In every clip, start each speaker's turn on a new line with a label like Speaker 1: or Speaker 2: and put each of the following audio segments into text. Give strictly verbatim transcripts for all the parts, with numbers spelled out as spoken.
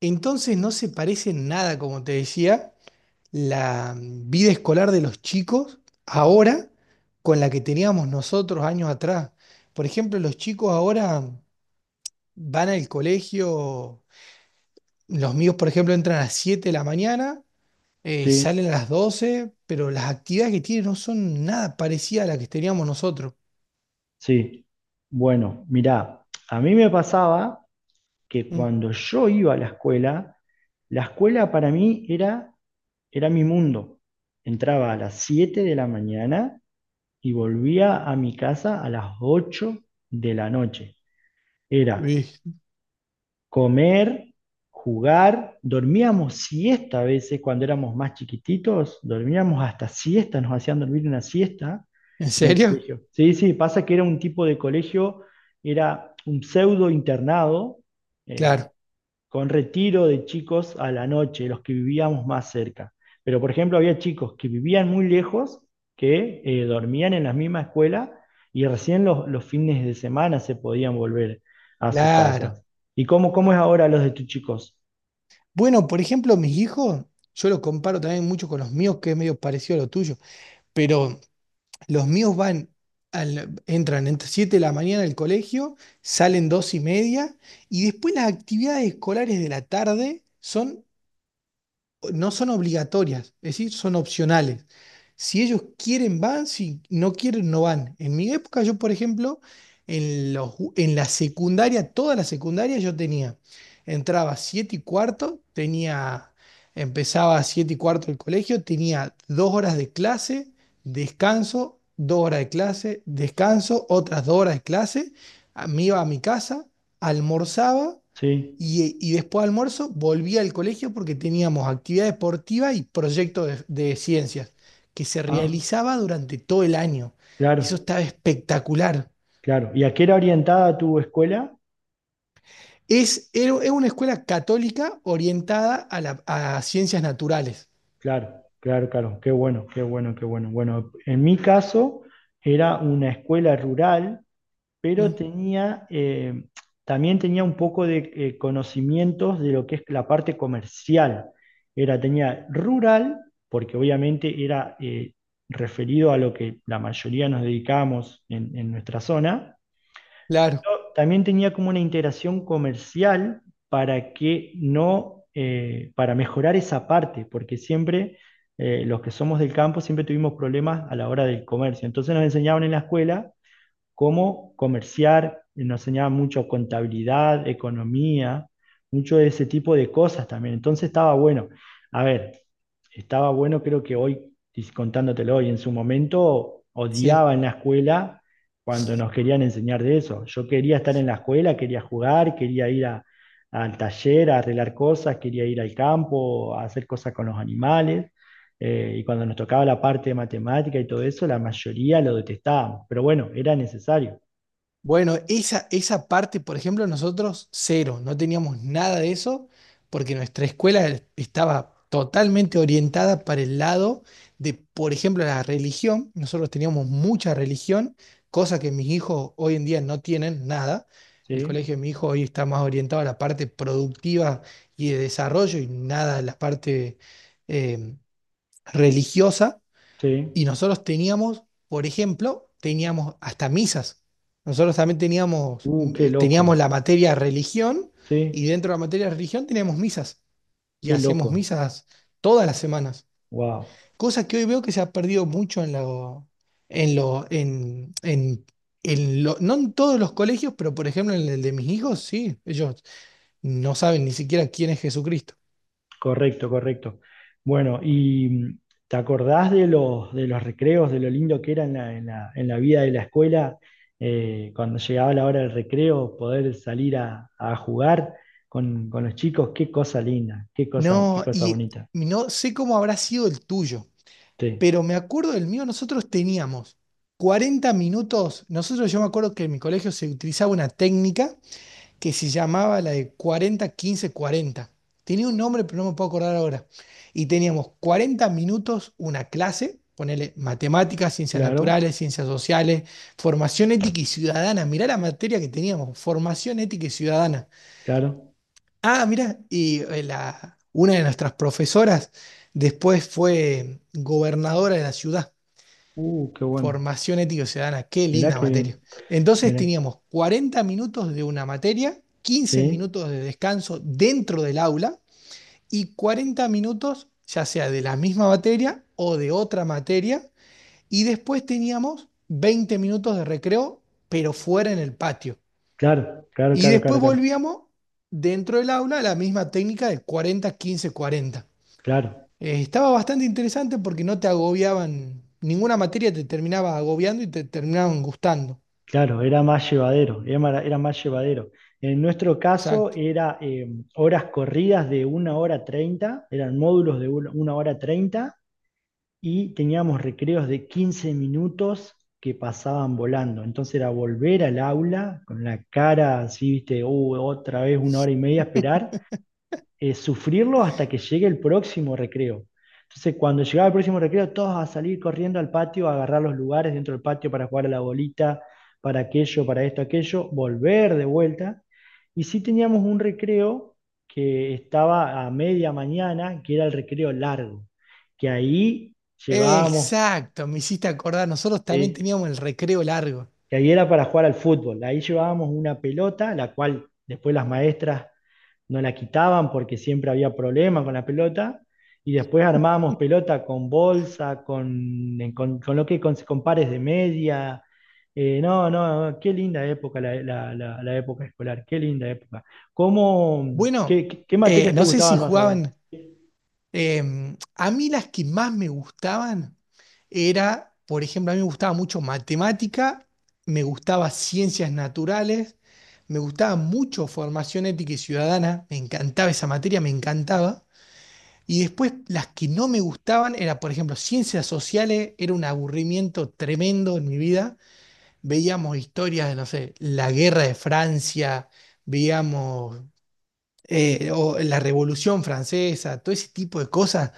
Speaker 1: Entonces no se parece en nada, como te decía, la mm, vida escolar de los chicos ahora con la que teníamos nosotros años atrás. Por ejemplo, los chicos ahora van al colegio, los míos, por ejemplo, entran a las siete de la mañana, eh,
Speaker 2: Sí,
Speaker 1: salen a las doce, pero las actividades que tienen no son nada parecidas a las que teníamos nosotros.
Speaker 2: sí. Bueno, mirá, a mí me pasaba que
Speaker 1: Mm.
Speaker 2: cuando yo iba a la escuela, la escuela para mí era, era mi mundo. Entraba a las siete de la mañana y volvía a mi casa a las ocho de la noche. Era
Speaker 1: Uy.
Speaker 2: comer, jugar, dormíamos siesta a veces cuando éramos más chiquititos, dormíamos hasta siesta, nos hacían dormir una siesta
Speaker 1: ¿En
Speaker 2: en el
Speaker 1: serio?
Speaker 2: colegio. Sí, sí, pasa que era un tipo de colegio, era un pseudo internado, eh,
Speaker 1: Claro,
Speaker 2: con retiro de chicos a la noche, los que vivíamos más cerca. Pero, por ejemplo, había chicos que vivían muy lejos, que eh, dormían en la misma escuela y recién los, los fines de semana se podían volver a sus
Speaker 1: claro.
Speaker 2: casas. ¿Y cómo, cómo es ahora los de tus chicos?
Speaker 1: Bueno, por ejemplo, mis hijos, yo lo comparo también mucho con los míos, que es medio parecido a lo tuyo. Pero los míos van, al- entran entre siete de la mañana al colegio, salen dos y media, y después las actividades escolares de la tarde son no son obligatorias, es decir, son opcionales. Si ellos quieren, van, si no quieren, no van. En mi época, yo, por ejemplo, en, los, ju- en la secundaria, toda la secundaria, yo tenía, entraba siete y cuarto, tenía, empezaba a siete y cuarto el colegio, tenía dos horas de clase, descanso, dos horas de clase, descanso, otras dos horas de clase, a- me iba a mi casa, almorzaba
Speaker 2: Sí.
Speaker 1: y, y después de almuerzo volví al colegio porque teníamos actividad deportiva y proyecto de, de ciencias que se
Speaker 2: Ah,
Speaker 1: realizaba durante todo el año. Eso
Speaker 2: claro,
Speaker 1: estaba espectacular.
Speaker 2: claro. ¿Y a qué era orientada tu escuela?
Speaker 1: Es, era- es una escuela católica orientada a, la- a ciencias naturales.
Speaker 2: Claro, claro, claro. Qué bueno, qué bueno, qué bueno. Bueno, en mi caso era una escuela rural pero
Speaker 1: Mm.
Speaker 2: tenía, eh, también tenía un poco de eh, conocimientos de lo que es la parte comercial. Era, tenía rural, porque obviamente era eh, referido a lo que la mayoría nos dedicamos en, en nuestra zona,
Speaker 1: Claro,
Speaker 2: pero también tenía como una integración comercial para que no, eh, para mejorar esa parte, porque siempre eh, los que somos del campo siempre tuvimos problemas a la hora del comercio. Entonces nos enseñaban en la escuela cómo comerciar, nos enseñaba mucho contabilidad, economía, mucho de ese tipo de cosas también. Entonces estaba bueno. A ver, estaba bueno, creo que hoy, y contándotelo hoy, en su momento
Speaker 1: sí.
Speaker 2: odiaba en la escuela cuando nos querían enseñar de eso. Yo quería estar en la escuela, quería jugar, quería ir a- al taller a arreglar cosas, quería ir al campo, a hacer cosas con los animales. Eh, y cuando nos tocaba la parte de matemática y todo eso, la mayoría lo detestábamos. Pero bueno, era necesario.
Speaker 1: Bueno, esa, esa parte, por ejemplo, nosotros cero, no teníamos nada de eso, porque nuestra escuela estaba totalmente orientada para el lado de, por ejemplo, la religión. Nosotros teníamos mucha religión, cosa que mis hijos hoy en día no tienen nada. El
Speaker 2: Sí,
Speaker 1: colegio de mi hijo hoy está más orientado a la parte productiva y de desarrollo y nada a la parte eh, religiosa.
Speaker 2: sí.
Speaker 1: Y nosotros teníamos, por ejemplo, teníamos hasta misas. Nosotros también teníamos,
Speaker 2: Uh, qué
Speaker 1: eh, teníamos
Speaker 2: loco.
Speaker 1: la materia religión
Speaker 2: Sí,
Speaker 1: y dentro de la materia religión teníamos misas. Y
Speaker 2: qué
Speaker 1: hacíamos
Speaker 2: loco.
Speaker 1: misas todas las semanas.
Speaker 2: Wow.
Speaker 1: Cosa que hoy veo que se ha perdido mucho en lo, en lo, en, en, en lo- no en todos los colegios, pero por ejemplo en el de mis hijos, sí, ellos no saben ni siquiera quién es Jesucristo.
Speaker 2: Correcto, correcto. Bueno, y mm, ¿te acordás de los, de los recreos, de lo lindo que era en la, en la- en la vida de la escuela? Eh, cuando llegaba la hora del recreo, poder salir a, a jugar con, con los chicos, qué cosa linda, qué cosa, qué
Speaker 1: No,
Speaker 2: cosa
Speaker 1: y
Speaker 2: bonita.
Speaker 1: no sé cómo habrá sido el tuyo.
Speaker 2: Sí,
Speaker 1: Pero me acuerdo del mío, nosotros teníamos cuarenta minutos. Nosotros, yo me acuerdo que en mi colegio se utilizaba una técnica que se llamaba la de cuarenta quince-cuarenta. Tenía un nombre, pero no me puedo acordar ahora. Y teníamos cuarenta minutos una clase, ponele matemáticas, ciencias
Speaker 2: claro,
Speaker 1: naturales, ciencias sociales, formación ética y ciudadana. Mirá la materia que teníamos, formación ética y ciudadana.
Speaker 2: claro.
Speaker 1: Ah, mirá, y eh, la, una de nuestras profesoras después fue gobernadora de la ciudad.
Speaker 2: Uh, qué bueno.
Speaker 1: Formación ética ciudadana, qué
Speaker 2: Mirá
Speaker 1: linda
Speaker 2: qué
Speaker 1: materia.
Speaker 2: bien.
Speaker 1: Entonces
Speaker 2: Mirá.
Speaker 1: teníamos cuarenta minutos de una materia, quince
Speaker 2: Sí,
Speaker 1: minutos de descanso dentro del aula y cuarenta minutos ya sea de la misma materia o de otra materia y después teníamos veinte minutos de recreo pero fuera en el patio.
Speaker 2: claro, claro,
Speaker 1: Y
Speaker 2: claro, claro,
Speaker 1: después
Speaker 2: claro.
Speaker 1: volvíamos dentro del aula a la misma técnica de cuarenta quince cuarenta.
Speaker 2: Claro,
Speaker 1: Eh, estaba bastante interesante porque no te agobiaban, ninguna materia te terminaba agobiando y te terminaban gustando.
Speaker 2: claro, era más llevadero, era, mara- era más llevadero. En nuestro caso
Speaker 1: Exacto.
Speaker 2: era eh, horas corridas de una hora treinta. Eran módulos de una una hora treinta y teníamos recreos de quince minutos que pasaban volando. Entonces era volver al aula con la cara así, viste, uh, otra vez una hora y media a esperar eh, sufrirlo hasta que llegue el próximo recreo. Entonces, cuando llegaba el próximo recreo, todos a salir corriendo al patio, a agarrar los lugares dentro del patio para jugar a la bolita, para aquello, para esto, aquello, volver de vuelta. Y sí teníamos un recreo que estaba a media mañana, que era el recreo largo, que ahí llevábamos,
Speaker 1: Exacto, me hiciste acordar, nosotros también
Speaker 2: eh,
Speaker 1: teníamos el recreo largo.
Speaker 2: que ahí era para jugar al fútbol, ahí llevábamos una pelota, la cual después las maestras no la quitaban porque siempre había problemas con la pelota. Y después armábamos pelota con bolsa, con, en- con, con lo que con, con pares de media. Eh, no, no, qué linda época la, la- la- la época escolar, qué linda época. ¿Cómo, qué,
Speaker 1: Bueno,
Speaker 2: qué- qué
Speaker 1: eh,
Speaker 2: materias te
Speaker 1: no sé si
Speaker 2: gustaban más a vos?
Speaker 1: jugaban, em, a mí las que más me gustaban era, por ejemplo, a mí me gustaba mucho matemática, me gustaba ciencias naturales, me gustaba mucho formación ética y ciudadana, me encantaba esa materia, me encantaba. Y después las que no me gustaban era, por ejemplo, ciencias sociales, era un aburrimiento tremendo en mi vida. Veíamos historias de, no sé, la guerra de Francia, veíamos eh, o la Revolución Francesa, todo ese tipo de cosas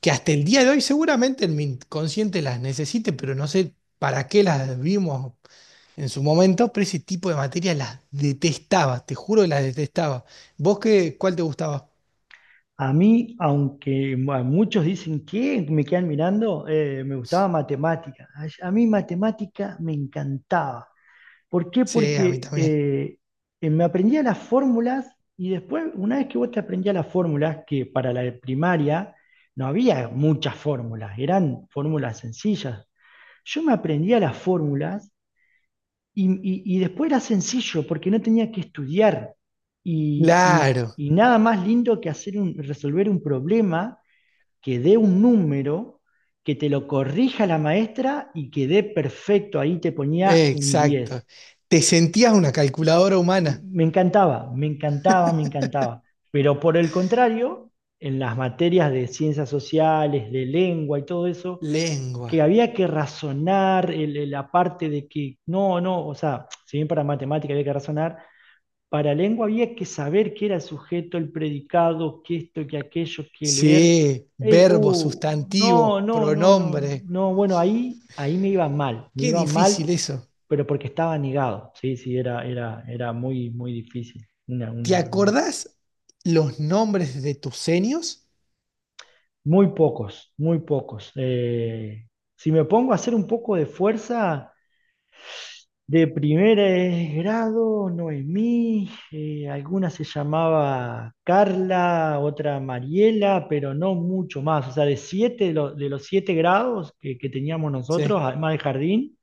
Speaker 1: que hasta el día de hoy seguramente en mi inconsciente las necesite, pero no sé para qué las vimos en su momento, pero ese tipo de materias las detestaba, te juro que las detestaba. ¿Vos qué, cuál te gustaba?
Speaker 2: A mí, aunque a muchos dicen que me quedan mirando, eh, me gustaba matemática. A a mí matemática me encantaba. ¿Por qué?
Speaker 1: Sí, a mí
Speaker 2: Porque
Speaker 1: también.
Speaker 2: eh, eh, me aprendía las fórmulas y después, una vez que vos te aprendías las fórmulas, que para la de primaria no había muchas fórmulas, eran fórmulas sencillas. Yo me aprendía las fórmulas y, y- y después era sencillo porque no tenía que estudiar y, y-
Speaker 1: Claro.
Speaker 2: y nada más lindo que hacer un, resolver un problema que dé un número, que te lo corrija la maestra y que dé perfecto, ahí te ponía un
Speaker 1: Exacto.
Speaker 2: diez.
Speaker 1: Te sentías una calculadora humana.
Speaker 2: Me encantaba, me encantaba, me encantaba. Pero por el contrario, en las materias de ciencias sociales, de lengua y todo eso,
Speaker 1: Lengua.
Speaker 2: que había que razonar el- el- la parte de que, no, no, o sea, si bien para matemática había que razonar, para lengua había que saber qué era el sujeto, el predicado, qué esto, qué aquello, qué leer.
Speaker 1: Sí,
Speaker 2: Es,
Speaker 1: verbos,
Speaker 2: uh, no,
Speaker 1: sustantivos,
Speaker 2: no, no, no, no,
Speaker 1: pronombre.
Speaker 2: no, bueno, ahí, ahí me iba mal, me
Speaker 1: Qué
Speaker 2: iba mal
Speaker 1: difícil eso.
Speaker 2: pero porque estaba negado, sí, sí, era, era, era muy, muy difícil. Una,
Speaker 1: ¿Te
Speaker 2: una, un-
Speaker 1: acordás los nombres de tus senios?
Speaker 2: muy pocos, muy pocos. Eh, si me pongo a hacer un poco de fuerza, de primer eh, grado, Noemí, eh, alguna se llamaba Carla, otra Mariela, pero no mucho más. O sea, de siete, de, lo- de los siete grados que, que teníamos nosotros,
Speaker 1: Sí.
Speaker 2: además del jardín,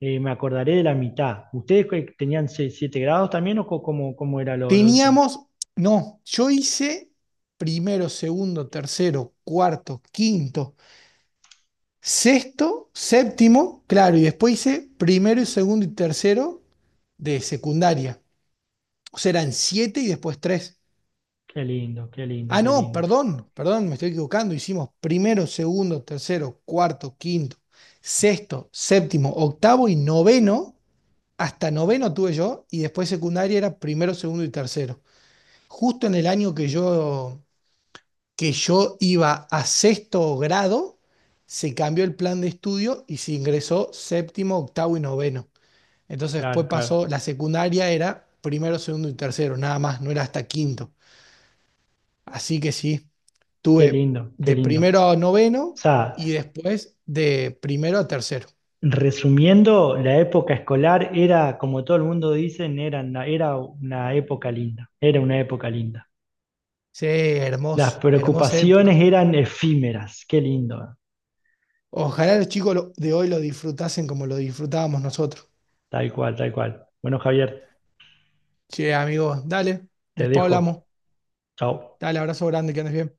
Speaker 2: eh, me acordaré de la mitad. ¿Ustedes que tenían se- siete grados también o co- cómo, cómo era lo, lo de ustedes?
Speaker 1: Teníamos, no, yo hice primero, segundo, tercero, cuarto, quinto, sexto, séptimo, claro, y después hice primero, y segundo y tercero de secundaria. O sea, eran siete y después tres.
Speaker 2: Qué lindo, qué lindo,
Speaker 1: Ah,
Speaker 2: qué
Speaker 1: no,
Speaker 2: lindo.
Speaker 1: perdón, perdón, me estoy equivocando. Hicimos primero, segundo, tercero, cuarto, quinto, sexto, séptimo, octavo y noveno. Hasta noveno tuve yo y después secundaria era primero, segundo y tercero. Justo en el año que yo, que yo iba a sexto grado, se cambió el plan de estudio y se ingresó séptimo, octavo y noveno. Entonces después
Speaker 2: Claro,
Speaker 1: pasó,
Speaker 2: claro.
Speaker 1: la secundaria era primero, segundo y tercero, nada más, no era hasta quinto. Así que sí.
Speaker 2: Qué
Speaker 1: Tuve
Speaker 2: lindo, qué
Speaker 1: de
Speaker 2: lindo.
Speaker 1: primero a
Speaker 2: O
Speaker 1: noveno
Speaker 2: sea,
Speaker 1: y después de primero a tercero.
Speaker 2: resumiendo, la época escolar era, como todo el mundo dice, era, una- era una época linda. Era una época linda.
Speaker 1: Sí,
Speaker 2: Las
Speaker 1: hermoso, hermosa
Speaker 2: preocupaciones
Speaker 1: época.
Speaker 2: eran efímeras. Qué lindo.
Speaker 1: Ojalá los chicos lo- de hoy lo disfrutasen como lo disfrutábamos nosotros.
Speaker 2: Tal cual, tal cual. Bueno, Javier,
Speaker 1: Che, amigos, dale,
Speaker 2: te
Speaker 1: después hablamos.
Speaker 2: dejo. Chao.
Speaker 1: Dale, abrazo grande, que andes bien.